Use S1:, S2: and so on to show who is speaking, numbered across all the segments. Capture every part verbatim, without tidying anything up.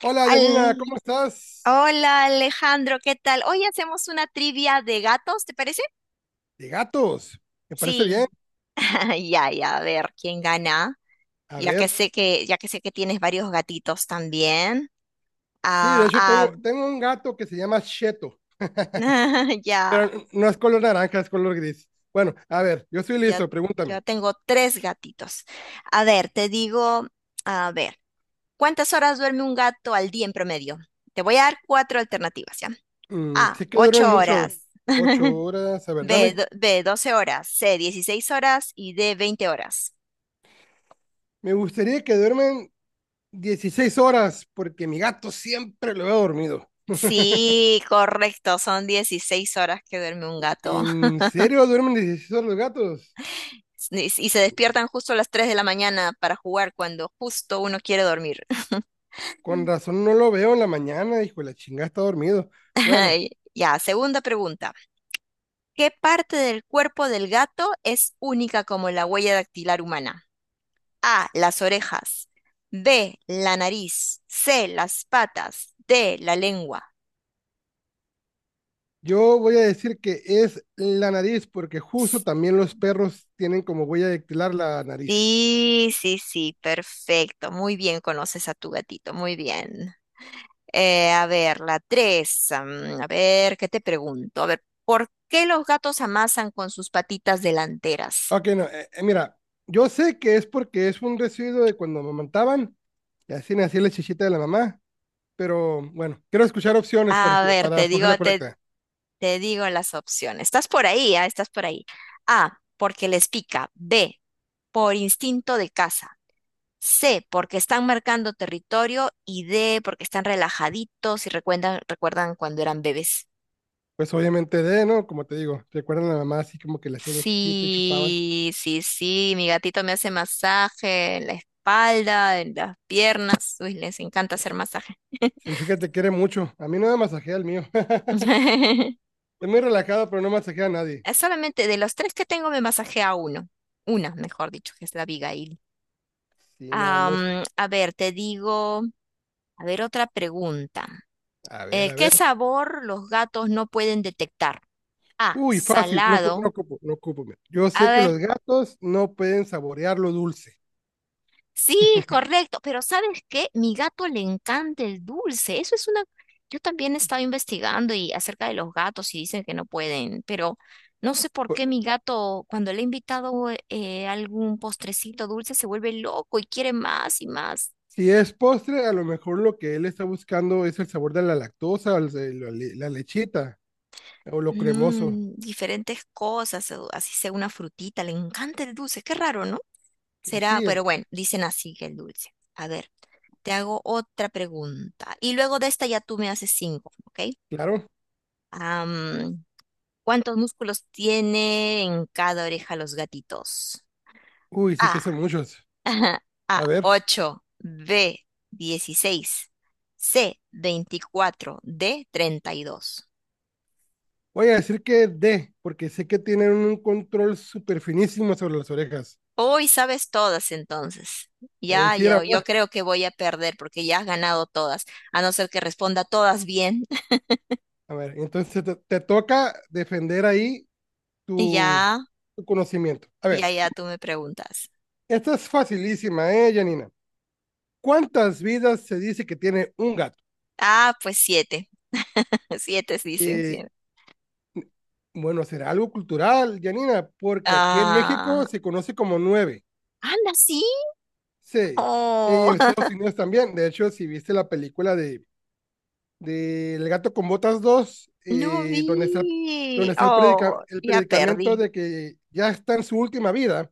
S1: Hola Yanina,
S2: Al...
S1: ¿cómo estás?
S2: Hola Alejandro, ¿qué tal? Hoy hacemos una trivia de gatos, ¿te parece?
S1: De gatos, me parece bien.
S2: Sí, ya, ya, a ver quién gana,
S1: A
S2: ya que
S1: ver,
S2: sé que, ya que sé que tienes varios gatitos también.
S1: sí, de
S2: Ah,
S1: hecho
S2: ah,
S1: tengo, tengo un gato que se llama Cheto,
S2: ya,
S1: pero n- no es color naranja, es color gris. Bueno, a ver, yo estoy
S2: yo,
S1: listo, pregúntame.
S2: yo tengo tres gatitos. A ver, te digo, a ver, ¿cuántas horas duerme un gato al día en promedio? Te voy a dar cuatro alternativas, ¿ya?
S1: Mm,
S2: A,
S1: sí que duermen
S2: ocho
S1: mucho,
S2: horas.
S1: ocho horas, a ver,
S2: B,
S1: dame.
S2: do- B, 12 horas, C, dieciséis horas y D, veinte horas.
S1: Me gustaría que duermen dieciséis horas, porque mi gato siempre lo veo dormido.
S2: Sí, correcto, son dieciséis horas que duerme un gato.
S1: ¿En serio duermen dieciséis horas los gatos?
S2: Y, y se despiertan justo a las tres de la mañana para jugar cuando justo uno quiere dormir.
S1: Con razón no lo veo en la mañana, hijo, de la chingada está dormido. Bueno,
S2: Ay, ya, segunda pregunta. ¿Qué parte del cuerpo del gato es única como la huella dactilar humana? A, las orejas. B, la nariz. C, las patas. D, la lengua.
S1: yo voy a decir que es la nariz, porque justo también los perros tienen como huella dactilar la nariz.
S2: Sí, sí, sí, perfecto. Muy bien, conoces a tu gatito, muy bien. Eh, a ver, la tres. mm, A ver, ¿qué te pregunto? A ver, ¿por qué los gatos amasan con sus patitas delanteras?
S1: Ok, no, eh, eh, mira, yo sé que es porque es un residuo de cuando amamantaban, y así nacía la chichita de la mamá, pero bueno, quiero escuchar opciones para,
S2: A
S1: esco-
S2: ver,
S1: para
S2: te digo,
S1: escoger la
S2: te,
S1: correcta.
S2: te digo las opciones. Estás por ahí, ah, Estás por ahí. A, porque les pica. B, por instinto de caza. C, porque están marcando territorio. Y D, porque están relajaditos y recuerdan, recuerdan cuando eran bebés.
S1: Pues obviamente de, ¿no? Como te digo, recuerdan a la mamá así como que le hacían la chichita y chupaban.
S2: Sí, sí, sí, mi gatito me hace masaje en la espalda, en las piernas. Uy, les encanta hacer masaje.
S1: Sí, fíjate, quiere mucho. A mí no me masajea el mío. Es muy relajado, pero no masajea a nadie.
S2: Solamente de los tres que tengo me masajea uno. Una, mejor dicho, que es la Abigail.
S1: Sí, no, no es.
S2: Am, a ver, te digo, a ver, otra pregunta.
S1: A ver,
S2: Eh,
S1: a
S2: ¿qué
S1: ver.
S2: sabor los gatos no pueden detectar? A,
S1: Uy, fácil, no, cu-
S2: salado.
S1: no ocupo, no ocupo. Mira. Yo sé que
S2: A
S1: los gatos no pueden saborear lo dulce.
S2: sí, correcto, pero ¿sabes qué? Mi gato le encanta el dulce. Eso es una... Yo también he estado investigando y acerca de los gatos y dicen que no pueden, pero no sé por
S1: Pu-
S2: qué mi gato, cuando le he invitado eh, algún postrecito dulce, se vuelve loco y quiere más y más.
S1: Si es postre, a lo mejor lo que él está buscando es el sabor de la lactosa, el- el- la, le- la lechita o lo cremoso.
S2: Mm, diferentes cosas, o así sea una frutita, le encanta el dulce. Qué raro, ¿no?
S1: Que
S2: Será,
S1: sí, r-
S2: pero bueno, dicen así que el dulce. A ver, te hago otra pregunta. Y luego de esta ya tú me haces cinco, ¿ok?
S1: claro.
S2: Am, ¿cuántos músculos tiene en cada oreja los gatitos?
S1: Uy, sí que
S2: A.
S1: son muchos.
S2: A,
S1: A ver,
S2: ocho, B, dieciséis, C, veinticuatro, D, treinta y dos.
S1: voy a decir que D, porque sé que tienen un control súper finísimo sobre las orejas.
S2: Hoy sabes todas entonces.
S1: Eh,
S2: Ya,
S1: sí, era
S2: yo, yo
S1: verdad.
S2: creo que voy a perder porque ya has ganado todas. A no ser que responda todas bien.
S1: A ver, entonces te, te toca defender ahí tu,
S2: Ya,
S1: tu conocimiento. A
S2: ya,
S1: ver.
S2: ya, tú me preguntas.
S1: Esta es facilísima, ¿eh, Janina? ¿Cuántas vidas se dice que tiene un gato?
S2: Ah, pues siete. Siete sí, dicen
S1: Eh,
S2: siete.
S1: bueno, será algo cultural, Janina, porque aquí en
S2: Ah,
S1: México se conoce como nueve.
S2: anda, sí.
S1: Sí. Y
S2: Oh.
S1: en Estados Unidos también. De hecho, si viste la película de, de El gato con botas dos,
S2: No
S1: eh, donde está,
S2: vi.
S1: donde está el, predica,
S2: Oh,
S1: el
S2: ya
S1: predicamento
S2: perdí.
S1: de que ya está en su última vida,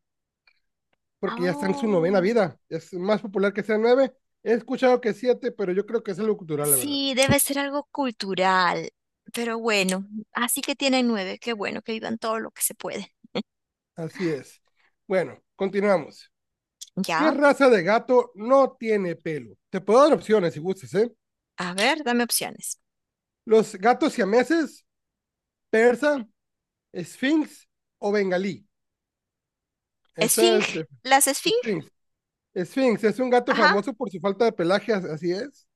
S1: porque ya está en su novena
S2: Oh,
S1: vida. Es más popular que sea nueve. He escuchado que siete, pero yo creo que es algo cultural, la verdad.
S2: sí, debe ser algo cultural. Pero bueno, así que tienen nueve. Qué bueno que vivan todo lo que se puede.
S1: Así es. Bueno, continuamos. ¿Qué
S2: Ya.
S1: raza de gato no tiene pelo? Te puedo dar opciones si gustas, ¿eh?
S2: A ver, dame opciones.
S1: Los gatos siameses, persa, sphinx o bengalí. Esa es
S2: Esfinge.
S1: eh,
S2: ¿Las esfinge?
S1: sphinx. Sphinx es un gato
S2: Ajá.
S1: famoso por su falta de pelaje, as- así es,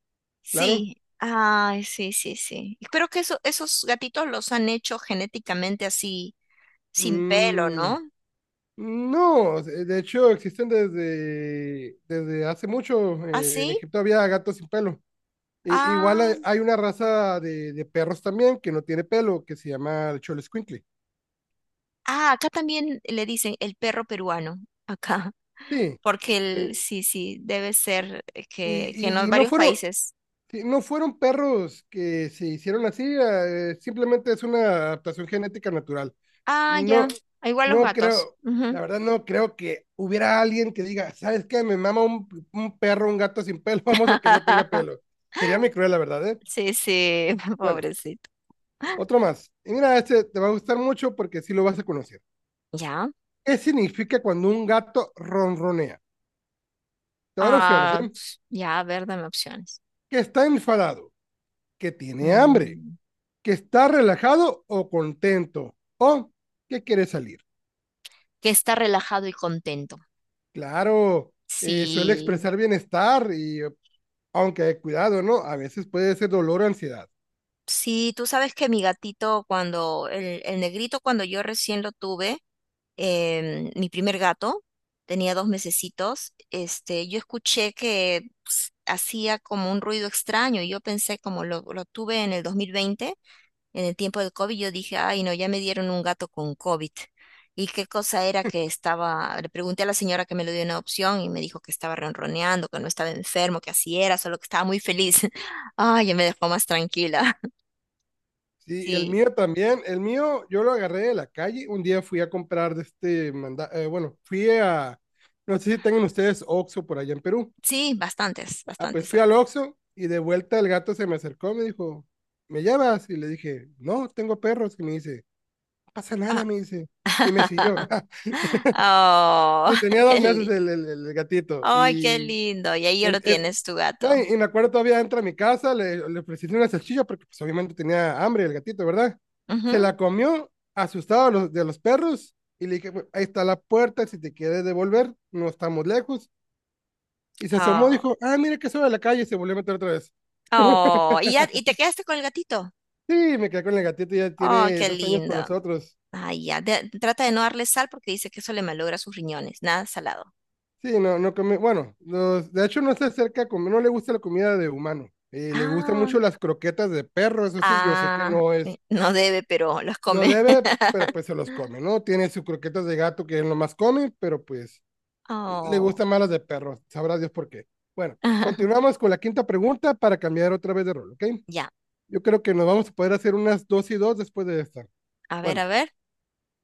S1: claro.
S2: Sí. Ay, sí, sí, sí. Creo que eso, esos gatitos los han hecho genéticamente así, sin pelo,
S1: Mm,
S2: ¿no?
S1: no, eh, de hecho existen desde, desde hace mucho. eh, en
S2: ¿Así?
S1: Egipto había gatos sin pelo. I- igual
S2: ¿Ah,
S1: hay,
S2: sí?
S1: hay una raza de, de perros también que no tiene pelo, que se llama el Xoloscuincle.
S2: Ah, ah, acá también le dicen el perro peruano. Acá.
S1: Sí,
S2: Porque el,
S1: eh,
S2: sí, sí, debe ser eh, que, que en
S1: Y,
S2: los
S1: y, y no
S2: varios
S1: fueron,
S2: países.
S1: sí, no fueron perros que se hicieron así, eh, simplemente es una adaptación genética natural.
S2: Ah, ya.
S1: No,
S2: Ah, igual los
S1: no
S2: gatos.
S1: creo,
S2: Ujú.
S1: la verdad no creo que hubiera alguien que diga, ¿sabes qué? Me mama un, un, perro, un gato sin pelo, vamos a que no tenga pelo. Sería muy cruel, la verdad, ¿eh?
S2: Sí, sí,
S1: Bueno,
S2: pobrecito.
S1: otro más. Y mira, este te va a gustar mucho porque sí lo vas a conocer.
S2: Ya,
S1: ¿Qué significa cuando un gato ronronea? Te voy a dar opciones,
S2: ah,
S1: ¿eh?
S2: pues, ya, a ver, dame opciones.
S1: Que está enfadado, que tiene hambre,
S2: Mm,
S1: que está relajado o contento o que quiere salir.
S2: que está relajado y contento.
S1: Claro, eh, suele
S2: Sí,
S1: expresar bienestar y aunque cuidado, ¿no? A veces puede ser dolor o ansiedad.
S2: sí, tú sabes que mi gatito, cuando el, el negrito, cuando yo recién lo tuve, em, mi primer gato, tenía dos mesecitos, este, yo escuché que ps, hacía como un ruido extraño y yo pensé como lo, lo tuve en el dos mil veinte, en el tiempo del COVID, yo dije, ay no, ya me dieron un gato con COVID. ¿Y qué cosa era que estaba? Le pregunté a la señora que me lo dio una opción y me dijo que estaba ronroneando, que no estaba enfermo, que así era, solo que estaba muy feliz. Ay, ya me dejó más tranquila.
S1: Sí, el
S2: Sí,
S1: mío también, el mío yo lo agarré de la calle, un día fui a comprar de este, manda eh, bueno, fui a, no sé si tengan ustedes Oxxo por allá en Perú,
S2: sí, bastantes,
S1: ah, pues
S2: bastantes.
S1: fui al Oxxo y de vuelta el gato se me acercó, me dijo, ¿me llevas? Y le dije, no, tengo perros, y me dice, no pasa
S2: Ah.
S1: nada, me dice, y me siguió.
S2: Oh,
S1: Sí, tenía dos
S2: qué
S1: meses
S2: lindo.
S1: el, el- el gatito.
S2: Ay, qué
S1: Y,
S2: lindo. Y ahí
S1: en-
S2: lo
S1: en-
S2: tienes, tu
S1: no,
S2: gato.
S1: y, y me acuerdo todavía entra a mi casa, le, le ofrecí una salchicha porque pues, obviamente tenía hambre el gatito, ¿verdad?
S2: Ujú.
S1: Se la comió, asustado de los, de los perros, y le dije, "Bueno, ahí está la puerta, si te quieres devolver, no estamos lejos. Y se asomó,
S2: Oh,
S1: dijo, ah, mira que sube a la calle, y se volvió a meter otra vez.
S2: oh. ¿Y, ya, y te quedaste con el gatito?
S1: Sí, me quedé con el gatito, ya
S2: Oh,
S1: tiene
S2: qué
S1: dos años
S2: lindo.
S1: con nosotros.
S2: Ay, ya. De- trata de no darle sal porque dice que eso le malogra sus riñones. Nada salado.
S1: Sí, no, no come, bueno, los- de hecho no se acerca a comer, no le gusta la comida de humano. Eh, le gustan
S2: Ah,
S1: mucho las croquetas de perro, eso sí, yo sé que
S2: ah.
S1: no es,
S2: eh, no debe, pero los
S1: no
S2: come.
S1: debe, pero pues se los come, ¿no? Tiene sus croquetas de gato que él nomás come, pero pues le
S2: Oh.
S1: gustan más las de perro, sabrá Dios por qué. Bueno, continuamos con la quinta pregunta para cambiar otra vez de rol, ¿ok?
S2: Ya.
S1: Yo creo que nos vamos a poder hacer unas dos y dos después de esta.
S2: A ver,
S1: Bueno,
S2: a ver.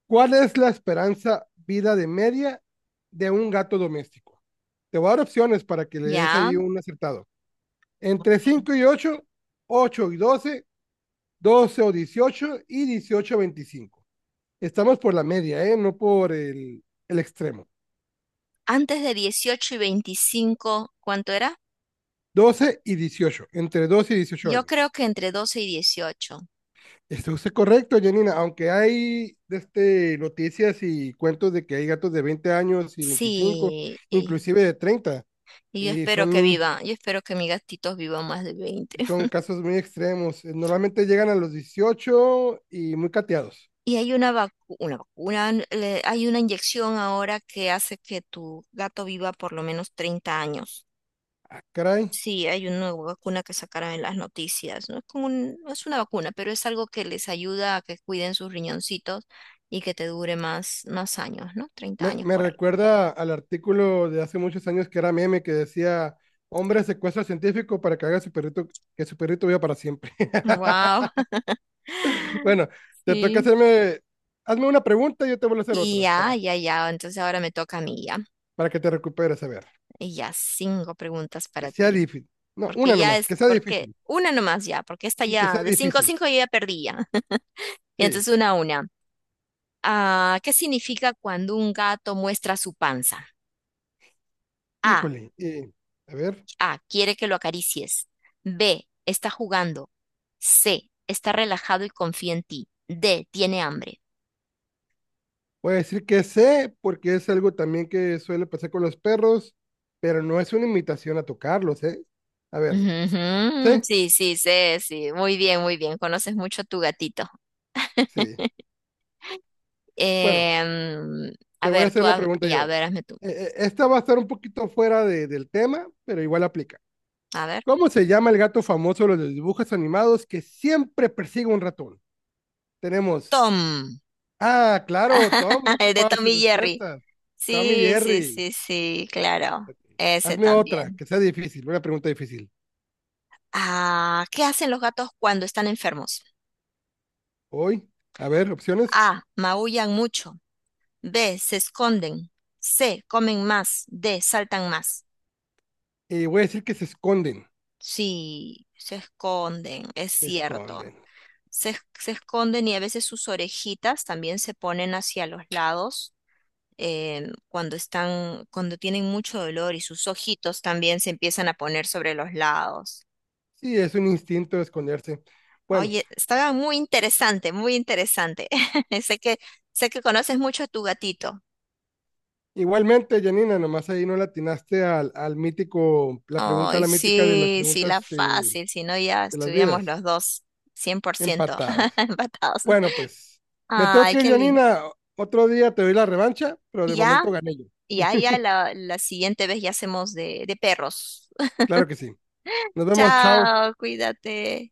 S1: ¿cuál es la esperanza vida de media de un gato doméstico? Te voy a dar opciones para que le des
S2: Ya.
S1: ahí un acertado. Entre cinco y ocho, ocho y doce, doce o dieciocho y dieciocho a veinticinco. Estamos por la media, ¿eh? No por el, el extremo.
S2: ¿Antes de dieciocho y veinticinco cuánto era?
S1: Doce y dieciocho, entre doce y dieciocho
S2: Yo
S1: años.
S2: creo que entre doce y dieciocho.
S1: Esto es correcto, Janina, aunque hay este, noticias y cuentos de que hay gatos de veinte años y veinticinco,
S2: Sí, y-
S1: inclusive de treinta
S2: Y yo
S1: y
S2: espero que
S1: son.
S2: viva, yo espero que mis gatitos vivan más de veinte.
S1: Sí, son casos muy extremos. Eh, Normalmente llegan a los dieciocho y muy cateados.
S2: Y hay una vacu- una vacuna, le- hay una inyección ahora que hace que tu gato viva por lo menos treinta años.
S1: Ah, caray.
S2: Sí, hay una vacuna que sacaron en las noticias. No es como un- no es una vacuna, pero es algo que les ayuda a que cuiden sus riñoncitos y que te dure más, más años, ¿no? treinta
S1: Me,
S2: años
S1: me
S2: por ahí.
S1: recuerda al artículo de hace muchos años que era meme que decía, hombre secuestra al científico para que haga su perrito, que su perrito viva para siempre.
S2: Wow.
S1: Bueno, te toca
S2: Sí.
S1: hacerme, hazme una pregunta y yo te voy a hacer
S2: Y
S1: otra para,
S2: ya, ya, ya. Entonces ahora me toca a mí ya.
S1: para que te recuperes. A ver,
S2: Y ya, cinco preguntas
S1: que
S2: para
S1: sea
S2: ti.
S1: difícil. No,
S2: Porque
S1: una
S2: ya
S1: nomás,
S2: es,
S1: que sea difícil.
S2: porque una nomás ya, porque esta
S1: Y que
S2: ya,
S1: sea
S2: de cinco a
S1: difícil.
S2: cinco yo ya perdí ya. Y
S1: Sí,
S2: entonces una a una. Ah, ¿qué significa cuando un gato muestra su panza? A,
S1: híjole. eh, a ver.
S2: A, quiere que lo acaricies. B, está jugando. C, está relajado y confía en ti. D, tiene hambre.
S1: Voy a decir que sé, porque es algo también que suele pasar con los perros, pero no es una invitación a tocarlos, ¿eh? A ver,
S2: Ujú,
S1: ¿sé?
S2: sí, sí, sí, sí. Muy bien, muy bien. Conoces mucho a tu gatito.
S1: Sí. Bueno,
S2: Em, a
S1: te voy a
S2: ver, tú,
S1: hacer una
S2: ha-
S1: pregunta
S2: ya,
S1: yo.
S2: a ver, hazme tú.
S1: Eh, eh, Esta va a estar un poquito fuera de- del tema, pero igual aplica.
S2: A ver.
S1: ¿Cómo se llama el gato famoso de los dibujos animados que siempre persigue un ratón? Tenemos,
S2: Tom.
S1: ah, claro, Tom, no
S2: El de
S1: ocupabas
S2: Tom y Jerry.
S1: respuestas. Tom y
S2: Sí, sí,
S1: Jerry,
S2: sí, sí, claro. Ese
S1: hazme otra,
S2: también.
S1: que sea difícil, una pregunta difícil.
S2: Ah, ¿qué hacen los gatos cuando están enfermos?
S1: Hoy, a ver, opciones.
S2: A. Maullan mucho. B. Se esconden. C. Comen más. D. Saltan más.
S1: eh, voy a decir que se esconden,
S2: Sí, se esconden, es
S1: se
S2: cierto.
S1: esconden.
S2: Se, es- se esconden y a veces sus orejitas también se ponen hacia los lados em, cuando están, cuando tienen mucho dolor y sus ojitos también se empiezan a poner sobre los lados.
S1: Sí, es un instinto de esconderse. Bueno,
S2: Oye, estaba muy interesante, muy interesante. Sé que, sé que conoces mucho a tu gatito.
S1: igualmente, Janina, nomás ahí no latinaste al, al mítico, la pregunta,
S2: Ay,
S1: la mítica de las
S2: sí, sí, la
S1: preguntas eh,
S2: fácil, si no ya
S1: de las
S2: estuviéramos
S1: vidas,
S2: los dos cien por ciento
S1: empatados.
S2: empatados.
S1: Bueno, pues me tengo
S2: Ay,
S1: que ir,
S2: qué linda.
S1: Janina. Otro día te doy la revancha, pero
S2: Y
S1: de
S2: ya,
S1: momento gané yo.
S2: ya, ya, la, la siguiente vez ya hacemos de, de perros.
S1: Claro que sí. Nos vemos, chao.
S2: Chao, cuídate.